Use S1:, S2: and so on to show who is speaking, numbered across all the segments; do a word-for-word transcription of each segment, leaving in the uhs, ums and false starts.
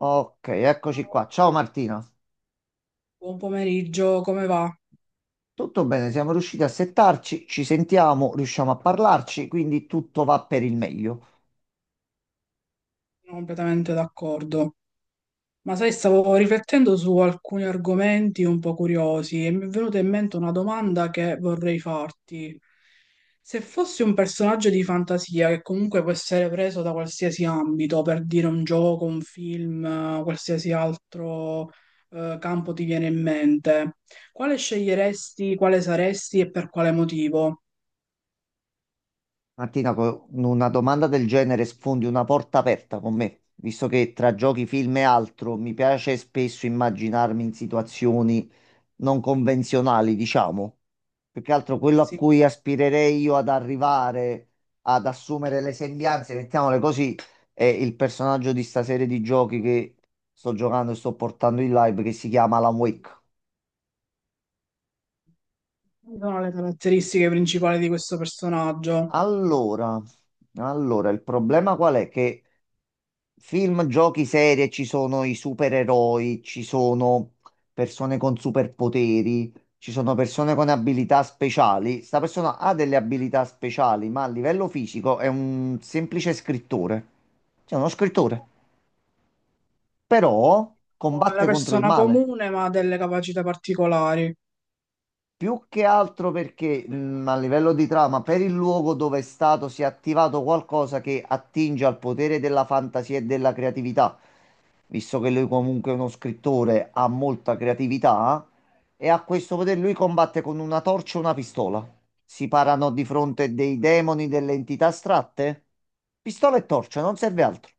S1: Ok, eccoci qua. Ciao Martina.
S2: Buon pomeriggio, come va?
S1: Tutto bene, siamo riusciti a settarci, ci sentiamo, riusciamo a parlarci, quindi tutto va per il meglio.
S2: Sono completamente d'accordo. Ma sai, stavo riflettendo su alcuni argomenti un po' curiosi e mi è venuta in mente una domanda che vorrei farti. Se fossi un personaggio di fantasia che comunque può essere preso da qualsiasi ambito, per dire un gioco, un film, eh, qualsiasi altro eh, campo ti viene in mente, quale sceglieresti, quale saresti e per quale motivo?
S1: Martina, con una domanda del genere sfondi una porta aperta con me, visto che tra giochi, film e altro mi piace spesso immaginarmi in situazioni non convenzionali, diciamo. Più che altro quello a
S2: Pensi,
S1: cui aspirerei io ad arrivare, ad assumere le sembianze, mettiamole così, è il personaggio di sta serie di giochi che sto giocando e sto portando in live che si chiama Alan Wake.
S2: quali sono le caratteristiche principali di questo personaggio?
S1: Allora, allora, il problema qual è? Che film, giochi, serie, ci sono i supereroi, ci sono persone con superpoteri, ci sono persone con abilità speciali. Sta persona ha delle abilità speciali, ma a livello fisico è un semplice scrittore. Cioè, uno scrittore. Però
S2: La
S1: combatte contro il
S2: persona
S1: male.
S2: comune ma ha delle capacità particolari.
S1: Più che altro perché mh, a livello di trama, per il luogo dove è stato, si è attivato qualcosa che attinge al potere della fantasia e della creatività. Visto che lui comunque è uno scrittore, ha molta creatività e a questo potere lui combatte con una torcia e una pistola. Si parano di fronte dei demoni, delle entità astratte. Pistola e torcia, non serve altro.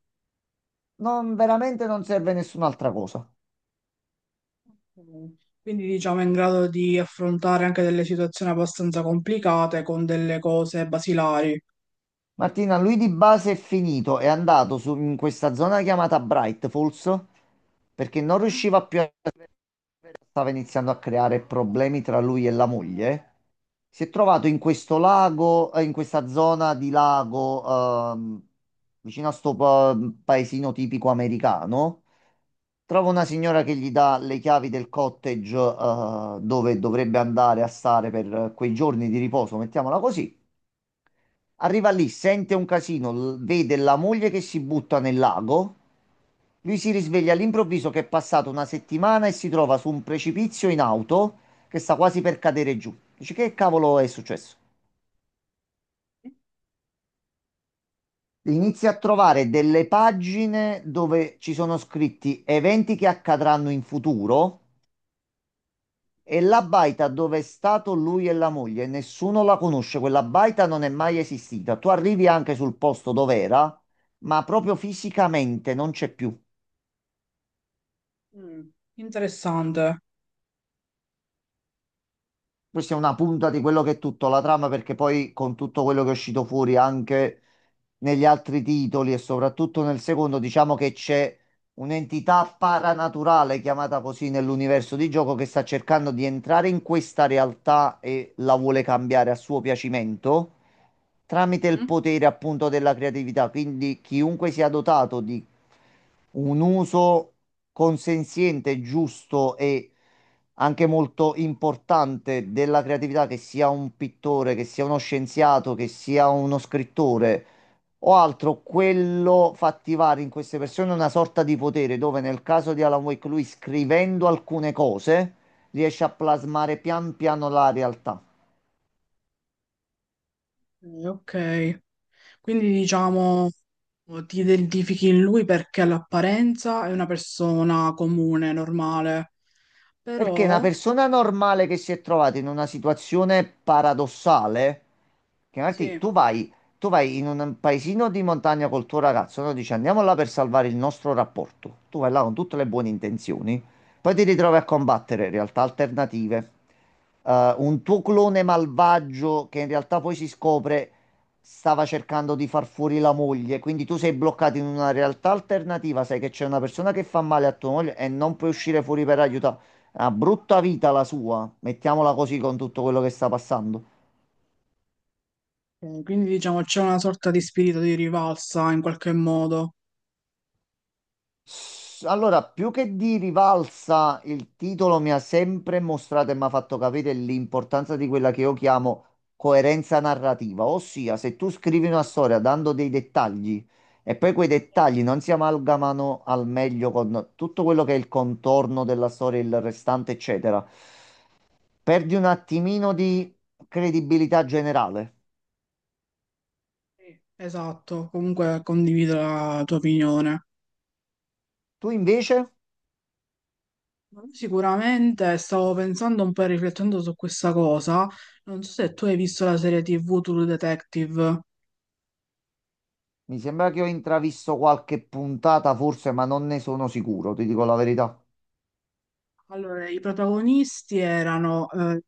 S1: Non, veramente non serve nessun'altra cosa.
S2: Mm. Quindi diciamo è in grado di affrontare anche delle situazioni abbastanza complicate con delle cose basilari.
S1: Martina, lui di base è finito, è andato su, in questa zona chiamata Bright Falls perché non
S2: Mhm.
S1: riusciva più, stava iniziando a creare problemi tra lui e la moglie, si è trovato in
S2: Sì,
S1: questo lago, eh, in questa zona di lago, ehm, vicino a sto pa- paesino tipico americano. Trova una
S2: sì.
S1: signora che gli dà le chiavi del cottage, eh, dove dovrebbe andare a stare per eh, quei giorni di riposo, mettiamola così. Arriva lì, sente un casino, l- vede la moglie che si butta nel lago. Lui si risveglia all'improvviso che è passata una settimana e si trova su un precipizio in auto che sta quasi per cadere giù. Dice, che cavolo è successo? Inizia a trovare delle pagine dove ci sono scritti eventi che accadranno in futuro e la baita dove è stato lui e la moglie. Nessuno la conosce, quella baita non è mai esistita. Tu arrivi anche sul posto dove era, ma proprio fisicamente non c'è più.
S2: Mm. Interessante.
S1: Questa è una punta di quello che è tutto la trama, perché poi con tutto quello che è uscito fuori anche negli altri titoli e soprattutto nel secondo, diciamo che c'è un'entità paranaturale, chiamata così nell'universo di gioco, che sta cercando di entrare in questa realtà e la vuole cambiare a suo piacimento tramite il
S2: Mhm.
S1: potere appunto della creatività. Quindi chiunque sia dotato di un uso consenziente, giusto e anche molto importante della creatività, che sia un pittore, che sia uno scienziato, che sia uno scrittore o altro, quello fa attivare in queste persone una sorta di potere dove nel caso di Alan Wake lui scrivendo alcune cose riesce a plasmare pian piano la realtà.
S2: Eh, Ok, quindi diciamo ti identifichi in lui perché all'apparenza è una persona comune, normale,
S1: Perché una
S2: però
S1: persona normale che si è trovata in una situazione paradossale, che
S2: sì,
S1: Martì, tu
S2: eh,
S1: vai, tu vai in un paesino di montagna col tuo ragazzo, no? Dici andiamo là per salvare il nostro rapporto. Tu vai là con tutte le buone intenzioni, poi ti ritrovi a combattere realtà alternative, eh, un tuo clone malvagio che in realtà poi si scopre stava cercando di far fuori la moglie, quindi tu sei bloccato in una realtà alternativa, sai che c'è una persona che fa male a tua moglie e non puoi uscire fuori per aiutarla. Una brutta vita la sua, mettiamola così con tutto quello che sta passando.
S2: quindi diciamo c'è una sorta di spirito di rivalsa in qualche modo.
S1: S- Allora, più che di rivalsa, il titolo mi ha sempre mostrato e mi ha fatto capire l'importanza di quella che io chiamo coerenza narrativa, ossia se tu scrivi una storia dando dei dettagli e poi quei dettagli non si amalgamano al meglio con tutto quello che è il contorno della storia, il restante, eccetera, perdi un attimino di credibilità generale.
S2: Sì, esatto, comunque condivido la tua opinione.
S1: Tu invece?
S2: Sicuramente stavo pensando un po' e riflettendo su questa cosa. Non so se tu hai visto la serie tivù True Detective.
S1: Mi sembra che ho intravisto qualche puntata, forse, ma non ne sono sicuro, ti dico la verità.
S2: Allora, i protagonisti erano eh,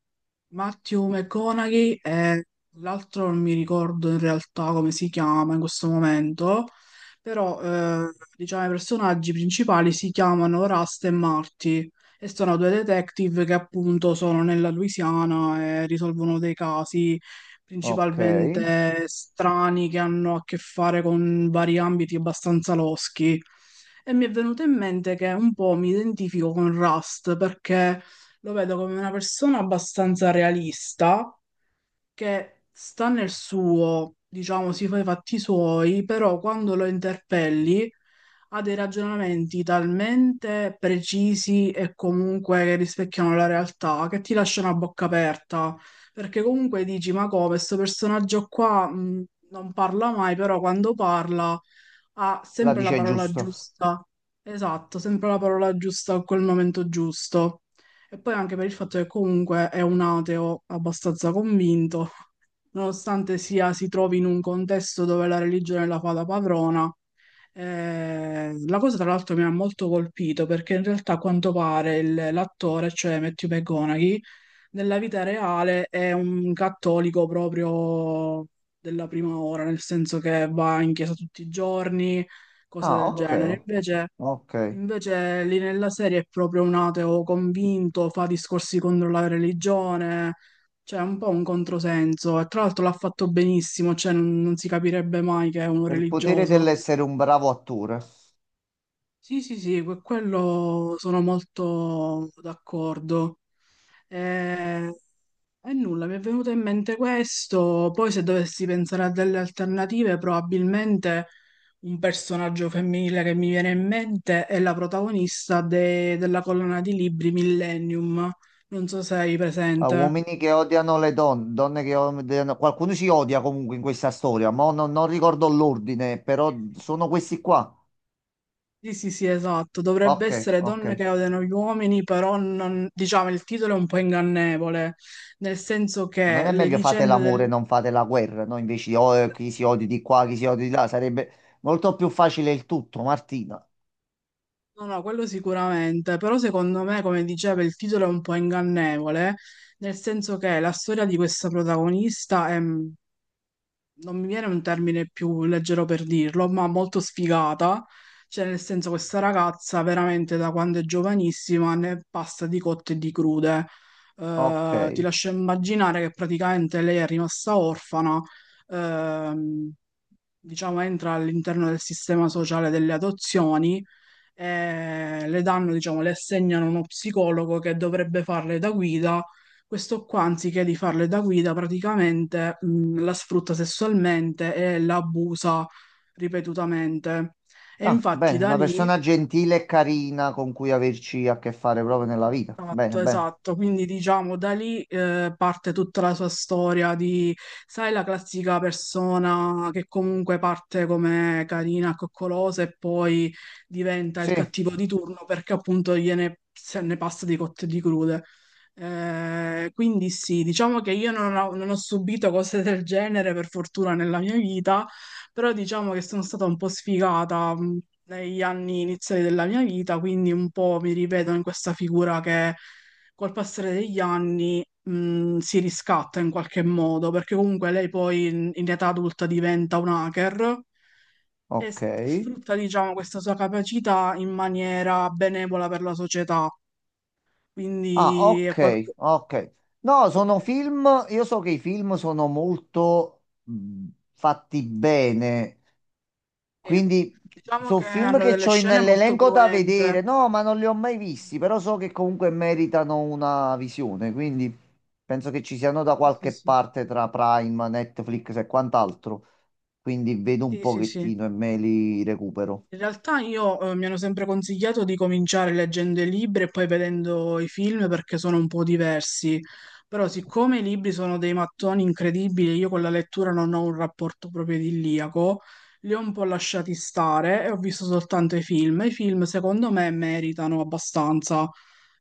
S2: Matthew McConaughey e l'altro non mi ricordo in realtà come si chiama in questo momento, però eh, diciamo i personaggi principali si chiamano Rust e Marty e sono due detective che appunto sono nella Louisiana e risolvono dei casi
S1: Ok,
S2: principalmente strani che hanno a che fare con vari ambiti abbastanza loschi. E mi è venuto in mente che un po' mi identifico con Rust perché lo vedo come una persona abbastanza realista che sta nel suo, diciamo, si fa i fatti suoi, però quando lo interpelli ha dei ragionamenti talmente precisi e comunque che rispecchiano la realtà che ti lasciano a bocca aperta, perché comunque dici, ma come, questo personaggio qua mh, non parla mai, però quando parla ha
S1: la
S2: sempre la
S1: dice
S2: parola
S1: giusto.
S2: giusta. Esatto, sempre la parola giusta a quel momento giusto. E poi anche per il fatto che comunque è un ateo abbastanza convinto, nonostante sia si trovi in un contesto dove la religione la fa da padrona. Eh, la cosa tra l'altro mi ha molto colpito perché in realtà a quanto pare il- l'attore, cioè Matthew McConaughey, nella vita reale è un cattolico proprio della prima ora, nel senso che va in chiesa tutti i giorni, cose
S1: Ah,
S2: del
S1: non lo ok.
S2: genere. Invece,
S1: so. Ok.
S2: invece lì nella serie è proprio un ateo convinto, fa discorsi contro la religione, cioè è un po' un controsenso. E tra l'altro l'ha fatto benissimo, cioè non, non si capirebbe mai che è uno
S1: Il potere
S2: religioso.
S1: dell'essere un bravo attore.
S2: Sì, sì, sì, que- quello sono molto d'accordo. E, e nulla, mi è venuto in mente questo. Poi, se dovessi pensare a delle alternative, probabilmente un personaggio femminile che mi viene in mente è la protagonista de- della collana di libri Millennium. Non so se hai
S1: A
S2: presente.
S1: uomini che odiano le donne, donne che odiano... Qualcuno si odia comunque in questa storia, ma non, non ricordo l'ordine, però sono questi qua.
S2: Sì, sì, sì, esatto. Dovrebbe
S1: Ok,
S2: essere
S1: ok.
S2: Donne che odiano gli uomini, però non- diciamo il titolo è un po' ingannevole, nel senso
S1: Ma non
S2: che
S1: è
S2: le
S1: meglio fate
S2: vicende
S1: l'amore,
S2: del...
S1: non fate la guerra, no? Invece oh, eh, chi si odia di qua, chi si odia di là, sarebbe molto più facile il tutto, Martina.
S2: No, no, quello sicuramente, però secondo me, come diceva, il titolo è un po' ingannevole, nel senso che la storia di questa protagonista è, mm, non mi viene un termine più leggero per dirlo, ma molto sfigata, cioè nel senso questa ragazza veramente da quando è giovanissima ne passa di cotte e di crude.
S1: Ok.
S2: Eh, ti lascio immaginare che praticamente lei è rimasta orfana, ehm, diciamo entra all'interno del sistema sociale delle adozioni eh, le danno, diciamo, le assegnano uno psicologo che dovrebbe farle da guida. Questo qua, anziché di farle da guida, praticamente mh, la sfrutta sessualmente e la abusa ripetutamente. E
S1: Ah,
S2: infatti
S1: bene,
S2: da
S1: una
S2: lì
S1: persona gentile e carina con cui averci a che fare proprio nella vita. Bene,
S2: esatto,
S1: bene.
S2: esatto. Quindi diciamo da lì eh, parte tutta la sua storia di, sai, la classica persona che comunque parte come carina, coccolosa e poi diventa il
S1: Sì,
S2: cattivo di turno perché appunto gliene se ne passa di cotte e di crude. Eh, quindi sì, diciamo che io non ho, non ho subito cose del genere per fortuna nella mia vita, però diciamo che sono stata un po' sfigata mh, negli anni iniziali della mia vita, quindi un po' mi rivedo in questa figura che col passare degli anni mh, si riscatta in qualche modo, perché comunque lei poi in, in età adulta diventa un hacker e
S1: ok.
S2: s- sfrutta, diciamo, questa sua capacità in maniera benevola per la società.
S1: Ah,
S2: Quindi è
S1: ok,
S2: qualcosa...
S1: ok. No, sono film, io so che i film sono molto mh, fatti bene. Quindi
S2: Diciamo
S1: sono
S2: che
S1: film
S2: hanno
S1: che
S2: delle
S1: ho
S2: scene molto
S1: nell'elenco da
S2: cruente.
S1: vedere. No, ma non li ho mai visti, però so che comunque meritano una visione, quindi penso che ci siano da
S2: Sì, sì,
S1: qualche
S2: sì.
S1: parte tra Prime, Netflix e quant'altro. Quindi vedo un
S2: Sì, sì, sì.
S1: pochettino e me li recupero.
S2: In realtà io eh, mi hanno sempre consigliato di cominciare leggendo i libri e poi vedendo i film perché sono un po' diversi, però siccome i libri sono dei mattoni incredibili, io con la lettura non ho un rapporto proprio idilliaco, li ho un po' lasciati stare e ho visto soltanto i film. I film secondo me meritano abbastanza,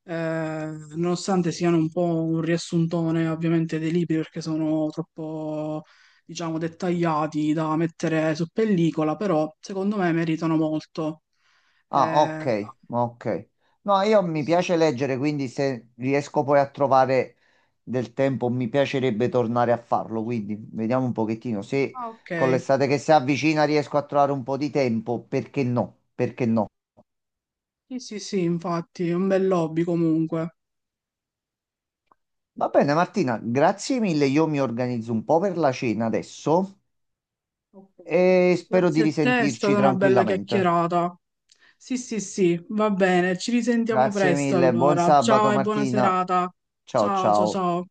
S2: eh, nonostante siano un po' un riassuntone ovviamente dei libri perché sono troppo, diciamo, dettagliati da mettere su pellicola, però secondo me meritano molto.
S1: Ah,
S2: Eh,
S1: ok, ok. No, io
S2: sì,
S1: mi
S2: sì.
S1: piace leggere, quindi se riesco poi a trovare del tempo, mi piacerebbe tornare a farlo. Quindi vediamo un pochettino. Se
S2: Ah, ok.
S1: con l'estate che si avvicina riesco a trovare un po' di tempo, perché no? Perché no?
S2: Sì, sì, sì, infatti, è un bel hobby comunque.
S1: Va bene, Martina, grazie mille. Io mi organizzo un po' per la cena adesso
S2: Ok.
S1: e spero di
S2: Grazie a te, è
S1: risentirci
S2: stata una bella
S1: tranquillamente.
S2: chiacchierata. Sì, sì, sì, va bene, ci risentiamo
S1: Grazie
S2: presto
S1: mille, buon
S2: allora. Ciao
S1: sabato,
S2: e buona
S1: Martina.
S2: serata.
S1: Ciao,
S2: Ciao, ciao,
S1: ciao.
S2: ciao.